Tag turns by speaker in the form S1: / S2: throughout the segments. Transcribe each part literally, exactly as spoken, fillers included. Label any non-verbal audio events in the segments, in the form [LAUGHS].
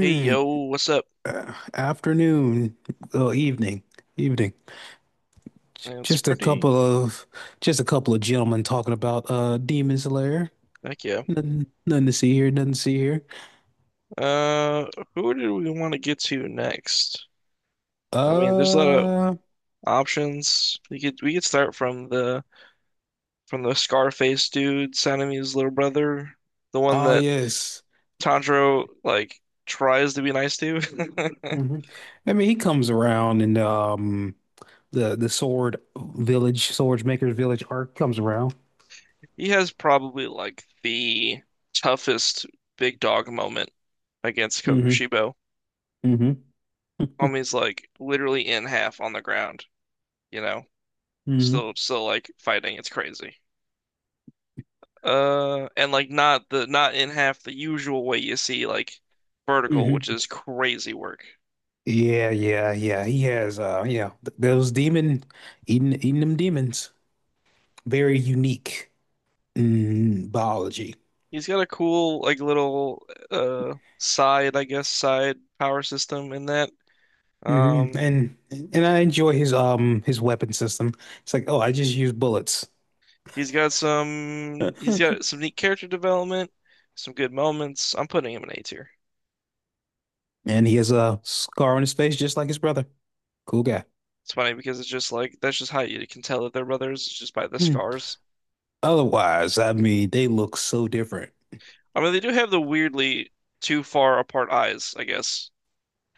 S1: Hey yo, what's up?
S2: uh, afternoon, well, evening, evening. J-
S1: It's
S2: Just a
S1: pretty,
S2: couple of, just a couple of gentlemen talking about uh Demon Slayer.
S1: heck yeah.
S2: Nothing, nothing to see here. Nothing to see here.
S1: Uh, who do we want to get to next? I mean, there's a lot of
S2: Uh,
S1: options. We could we could start from the from the Scarface dude, Sanemi's little brother, the one
S2: oh
S1: that
S2: yes.
S1: Tanjiro like tries to be nice to.
S2: hmm
S1: [LAUGHS]
S2: I mean, he comes around, and um the the Sword Village, Sword Maker's Village arc comes around.
S1: He has probably like the toughest big dog moment against
S2: hmm
S1: Kokushibo.
S2: hmm
S1: Homie's like literally in half on the ground, you know,
S2: hmm
S1: still
S2: hmm
S1: still like fighting. It's crazy. Uh, and like not the not in half the usual way you see like vertical, which is
S2: [LAUGHS]
S1: crazy work.
S2: Yeah, yeah, yeah. He has uh, yeah, th- those demon eating eating them demons. Very unique in biology.
S1: He's got a cool like little uh side, I guess, side power system in that.
S2: hmm
S1: Um,
S2: And and I enjoy his um his weapon system. It's like, oh, I just use bullets.
S1: he's got some
S2: [LAUGHS]
S1: he's got some neat character development, some good moments. I'm putting him in A tier.
S2: And he has a scar on his face just like his brother. Cool guy.
S1: It's funny because it's just like that's just how you can tell that they're brothers, it's just by the
S2: Hmm.
S1: scars.
S2: Otherwise, I mean, they look so different.
S1: I mean, they do have the weirdly too far apart eyes, I guess.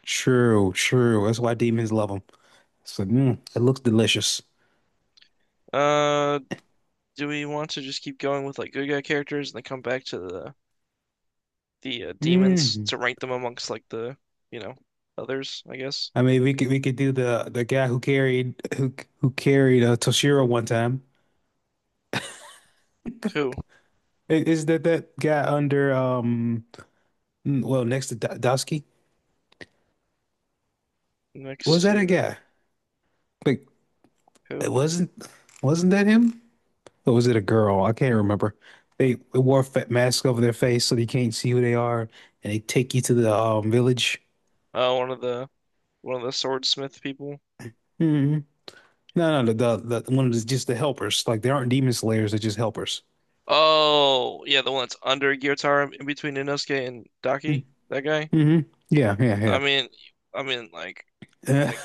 S2: True, true. That's why demons love them. So mm, it looks delicious.
S1: Uh, do we want to just keep going with like good guy characters and then come back to the the uh, demons
S2: Mm.
S1: to rank them amongst like the you know others, I guess.
S2: I mean, we could we could do the the guy who carried who who carried uh, Toshiro one time.
S1: Who
S2: I- Is that that guy under um? Mm, Well, next to Dowski,
S1: next
S2: was that a
S1: to
S2: guy? Like, it
S1: who?
S2: wasn't wasn't that him? Or was it a girl? I can't remember. They, they wore fa masks over their face, so they can't see who they are, and they take you to the um, village.
S1: Oh, one of the one of the swordsmith people.
S2: hmm No, no, the, the the one of the just the helpers. Like they aren't demon slayers; they're just helpers.
S1: Oh, yeah, the one that's under Gyotaro in between Inosuke and Daki. That guy.
S2: Mm-hmm. Yeah,
S1: I
S2: yeah,
S1: mean, I mean, like,
S2: yeah.
S1: like,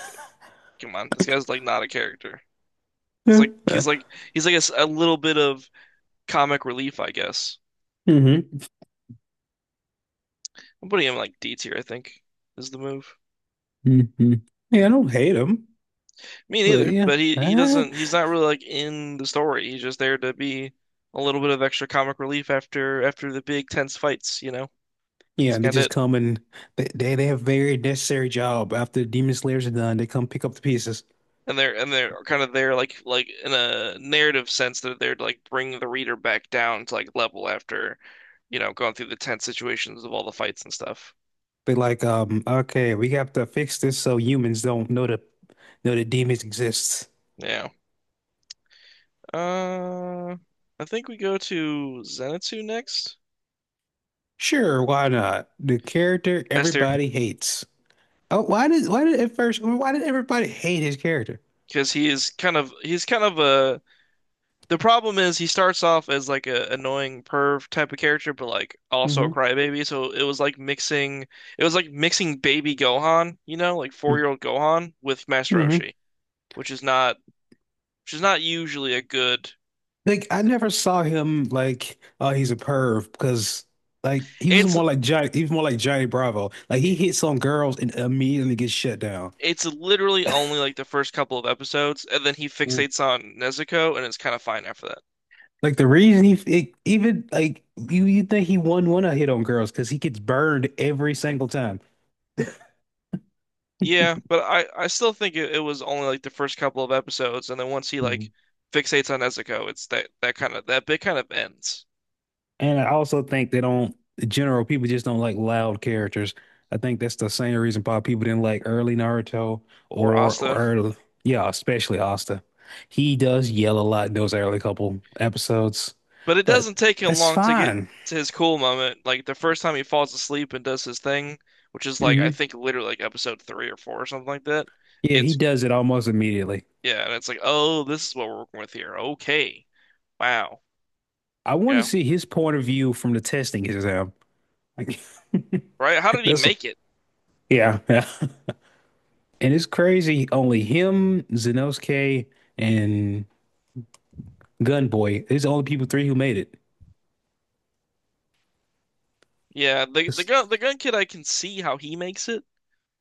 S1: come on, this guy's like not a character. He's like, he's
S2: [LAUGHS]
S1: like, he's like a, s- a little bit of comic relief, I guess.
S2: Mm-hmm.
S1: I'm putting him like D tier, I think, is the move.
S2: hmm Yeah, I don't hate them,
S1: Me
S2: but
S1: neither,
S2: yeah.
S1: but he he
S2: [LAUGHS]
S1: doesn't he's not really like in the story. He's just there to be a little bit of extra comic relief after after the big tense fights, you know. It's
S2: Yeah, they
S1: kind of
S2: just
S1: it.
S2: come and they, they they have very necessary job. After Demon Slayers are done, they come pick up the pieces.
S1: And they're and they're kind of there like like in a narrative sense they're there to like bring the reader back down to like level after, you know, going through the tense situations of all the fights and stuff.
S2: They're like, um, okay, we have to fix this so humans don't know the know the demons exist.
S1: Yeah. Uh I think we go to Zenitsu next.
S2: Sure, why not? The character
S1: Esther,
S2: everybody hates. Oh, why did why did at first why did everybody hate his character?
S1: because he is kind of he's kind of a The problem is he starts off as like a annoying perv type of character, but like also a
S2: hmm
S1: crybaby. So it was like mixing, it was like mixing baby Gohan, you know, like four year old Gohan with Master
S2: hmm
S1: Roshi, which is not, which is not usually a good.
S2: Like I never saw him like, oh, he's a perv because like he was
S1: It's,
S2: more like Johnny, he was more like Johnny Bravo. Like he hits on girls and immediately gets shut down.
S1: it's literally only like the first couple of episodes, and then he fixates on Nezuko, and it's kind of fine after that.
S2: Like the reason he it, even like you you think he wouldn't want to hit on girls because he gets burned every single time.
S1: Yeah, but I, I still think it, it was only like the first couple of episodes, and then once he
S2: Mhm.
S1: like fixates on Nezuko, it's that that kind of that bit kind of ends.
S2: And I also think they don't the general people just don't like loud characters. I think that's the same reason why people didn't like early Naruto
S1: Or
S2: or
S1: Asta.
S2: early yeah, especially Asta. He does yell a lot in those early couple episodes,
S1: But it doesn't
S2: but
S1: take him
S2: that's
S1: long to get
S2: fine.
S1: to his cool moment. Like the first time he falls asleep and does his thing, which is like I
S2: hmm
S1: think literally like episode three or four or something like that.
S2: Yeah, he
S1: It's
S2: does it almost immediately.
S1: yeah, and it's like, oh, this is what we're working with here. Okay. Wow.
S2: I want to
S1: Yeah.
S2: see his point of view from the testing exam. Like, [LAUGHS]
S1: Right? How did he
S2: that's
S1: make it?
S2: yeah, yeah. [LAUGHS] And it's crazy. Only him, Zenosuke, and Gunboy. It's the only people three who made it.
S1: Yeah, the the
S2: It's,
S1: gun the gun kid, I can see how he makes it,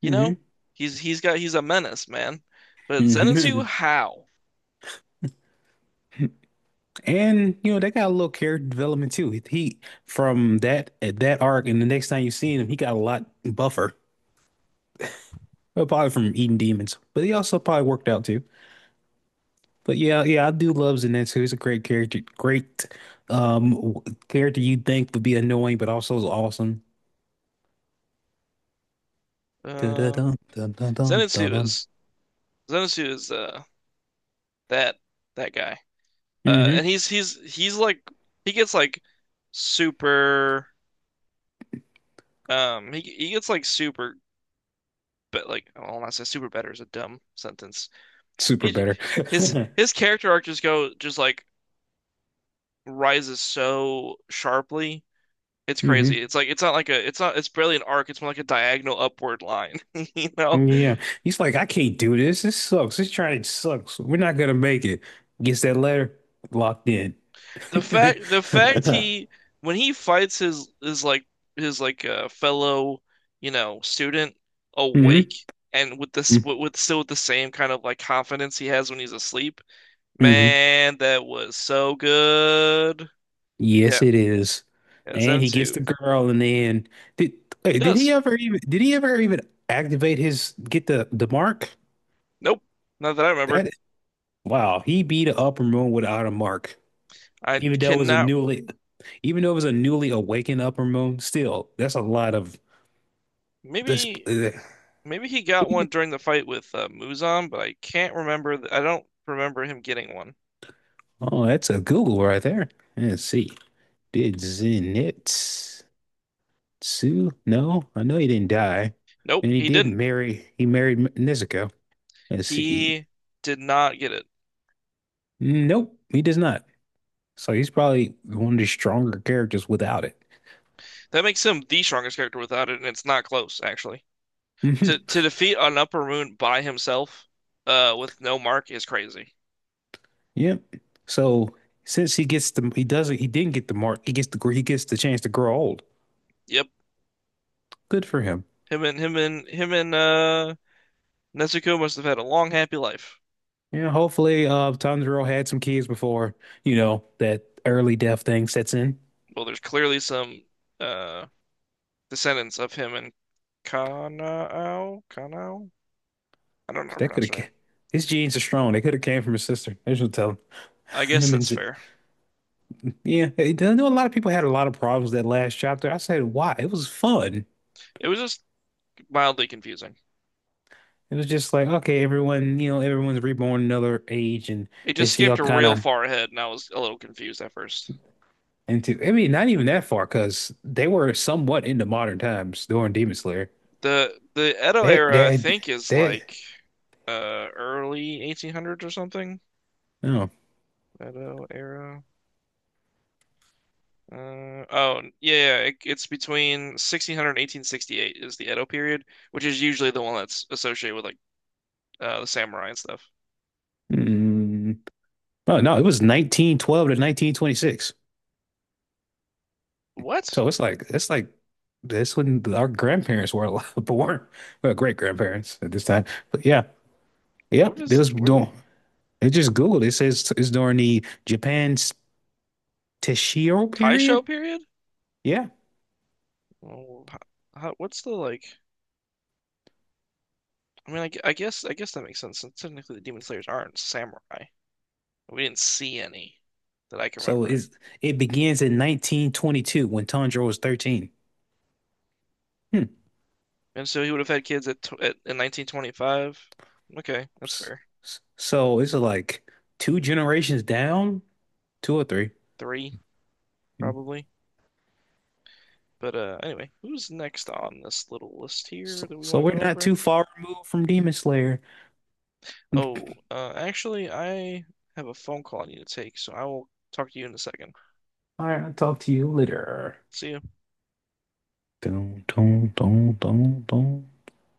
S1: you
S2: hmm
S1: know? He's he's got he's a menace, man. But Zenitsu,
S2: hmm
S1: how?
S2: [LAUGHS] And you know they got a little character development too. He from that at that arc, and the next time you see him, he got a lot buffer. Well, probably from eating demons, but he also probably worked out too. But yeah, yeah, I do love Zenitsu. He's a great character, great um w- character you'd think would be annoying, but also is awesome. Dun dun
S1: Uh
S2: dun dun dun
S1: Zenitsu
S2: dun
S1: is Zenitsu is uh that that guy. Uh,
S2: dun.
S1: and he's he's he's like he gets like super um he he gets like super, but like I don't want to say super better is a dumb sentence.
S2: Super
S1: He
S2: better.
S1: his
S2: [LAUGHS]
S1: his character arc just go just like rises so sharply. It's
S2: hmm
S1: crazy. It's like it's not like a it's not it's barely an arc. It's more like a diagonal upward line. [LAUGHS] You know?
S2: Yeah. He's like, I can't do this. This sucks. This trying sucks. We're not gonna make it. Gets that letter, locked in. [LAUGHS]
S1: The
S2: hmm
S1: fact the fact he when he fights his his like his like uh, fellow, you know, student awake and with this with, with still with the same kind of like confidence he has when he's asleep,
S2: hmm
S1: man that was so good. Yeah,
S2: Yes, it is.
S1: yeah,
S2: And
S1: Zen
S2: he gets the
S1: two,
S2: girl, and then did
S1: he
S2: hey, did he
S1: does.
S2: ever even did he ever even activate his get the the mark?
S1: Nope, not that I remember.
S2: That wow, he beat an upper moon without a mark.
S1: I
S2: Even though it was a
S1: cannot
S2: newly even though it was a newly awakened upper moon, still, that's a lot of. Let's.
S1: maybe,
S2: uh,
S1: maybe he got one during the fight with uh, Muzan, but I can't remember th- I don't remember him getting one.
S2: Oh, that's a Google right there. Let's see. Did Zenitsu? No, I know he didn't die,
S1: Nope,
S2: and he
S1: he
S2: did
S1: didn't,
S2: marry. He married M- Nezuko. Let's see.
S1: he did not get it.
S2: Nope, he does not. So he's probably one of the stronger characters without it.
S1: That makes him the strongest character without it, and it's not close, actually.
S2: [LAUGHS]
S1: To
S2: hmm
S1: to defeat an Upper Moon by himself, uh, with no mark is crazy.
S2: Yep. So since he gets the, he doesn't, he didn't get the mark. He gets the, gr- he gets the chance to grow old.
S1: Yep.
S2: Good for him.
S1: Him and him and him and uh Nezuko must have had a long, happy life.
S2: Yeah. Hopefully, uh, Tanjiro had some kids before, you know, that early death thing sets in.
S1: Well, there's clearly some uh descendants of him and Kanao, Kanao? I don't know how to
S2: That could
S1: pronounce her
S2: have
S1: name.
S2: his genes are strong. They could have came from his sister. I should tell him.
S1: I
S2: [LAUGHS]
S1: guess
S2: And
S1: that's
S2: said,
S1: fair.
S2: yeah, I know a lot of people had a lot of problems that last chapter. I said, why? It was fun.
S1: It was just mildly confusing.
S2: It was just like, okay, everyone, you know, everyone's reborn another age, and
S1: It
S2: they
S1: just skipped
S2: still kind
S1: real
S2: of
S1: far ahead, and I was a little confused at first.
S2: into, I mean, not even that far because they were somewhat into modern times during Demon Slayer.
S1: The the Edo
S2: That,
S1: era, I
S2: that,
S1: think, is
S2: that,
S1: like uh early eighteen hundreds or something.
S2: no.
S1: Edo era. Uh oh yeah, yeah, it, it's between sixteen hundred and eighteen sixty eight is the Edo period, which is usually the one that's associated with like uh the samurai and stuff.
S2: Mm. Oh, no, it was nineteen twelve to nineteen twenty-six.
S1: What?
S2: So it's like it's like this when our grandparents were alive, [LAUGHS] born, well, great grandparents at this time. But yeah,
S1: What
S2: yep. It
S1: is
S2: was
S1: it? What
S2: doing. It just Googled. It says it's during the Japan's Taishiro
S1: Taisho
S2: period.
S1: period?
S2: Yeah.
S1: Oh, how, how, what's the like? I mean, I, gu- I guess I guess that makes sense. Since technically, the Demon Slayers aren't samurai. We didn't see any that I can
S2: So
S1: remember,
S2: it's, it begins in nineteen twenty-two when Tanjiro was thirteen. Hmm.
S1: and so he would have had kids at, tw at in nineteen twenty-five. Okay, that's
S2: S-
S1: fair.
S2: s- So it's like two generations down, two or three.
S1: Three
S2: Hmm.
S1: probably. But uh, anyway, who's next on this little list here
S2: So,
S1: that we
S2: so
S1: want to
S2: we're
S1: go
S2: not
S1: over?
S2: too far removed from Demon Slayer.
S1: Oh, uh, actually, I have a phone call I need to take, so I will talk to you in a second.
S2: All right, I'll talk to you later.
S1: See ya.
S2: Dun, dun, dun, dun, dun.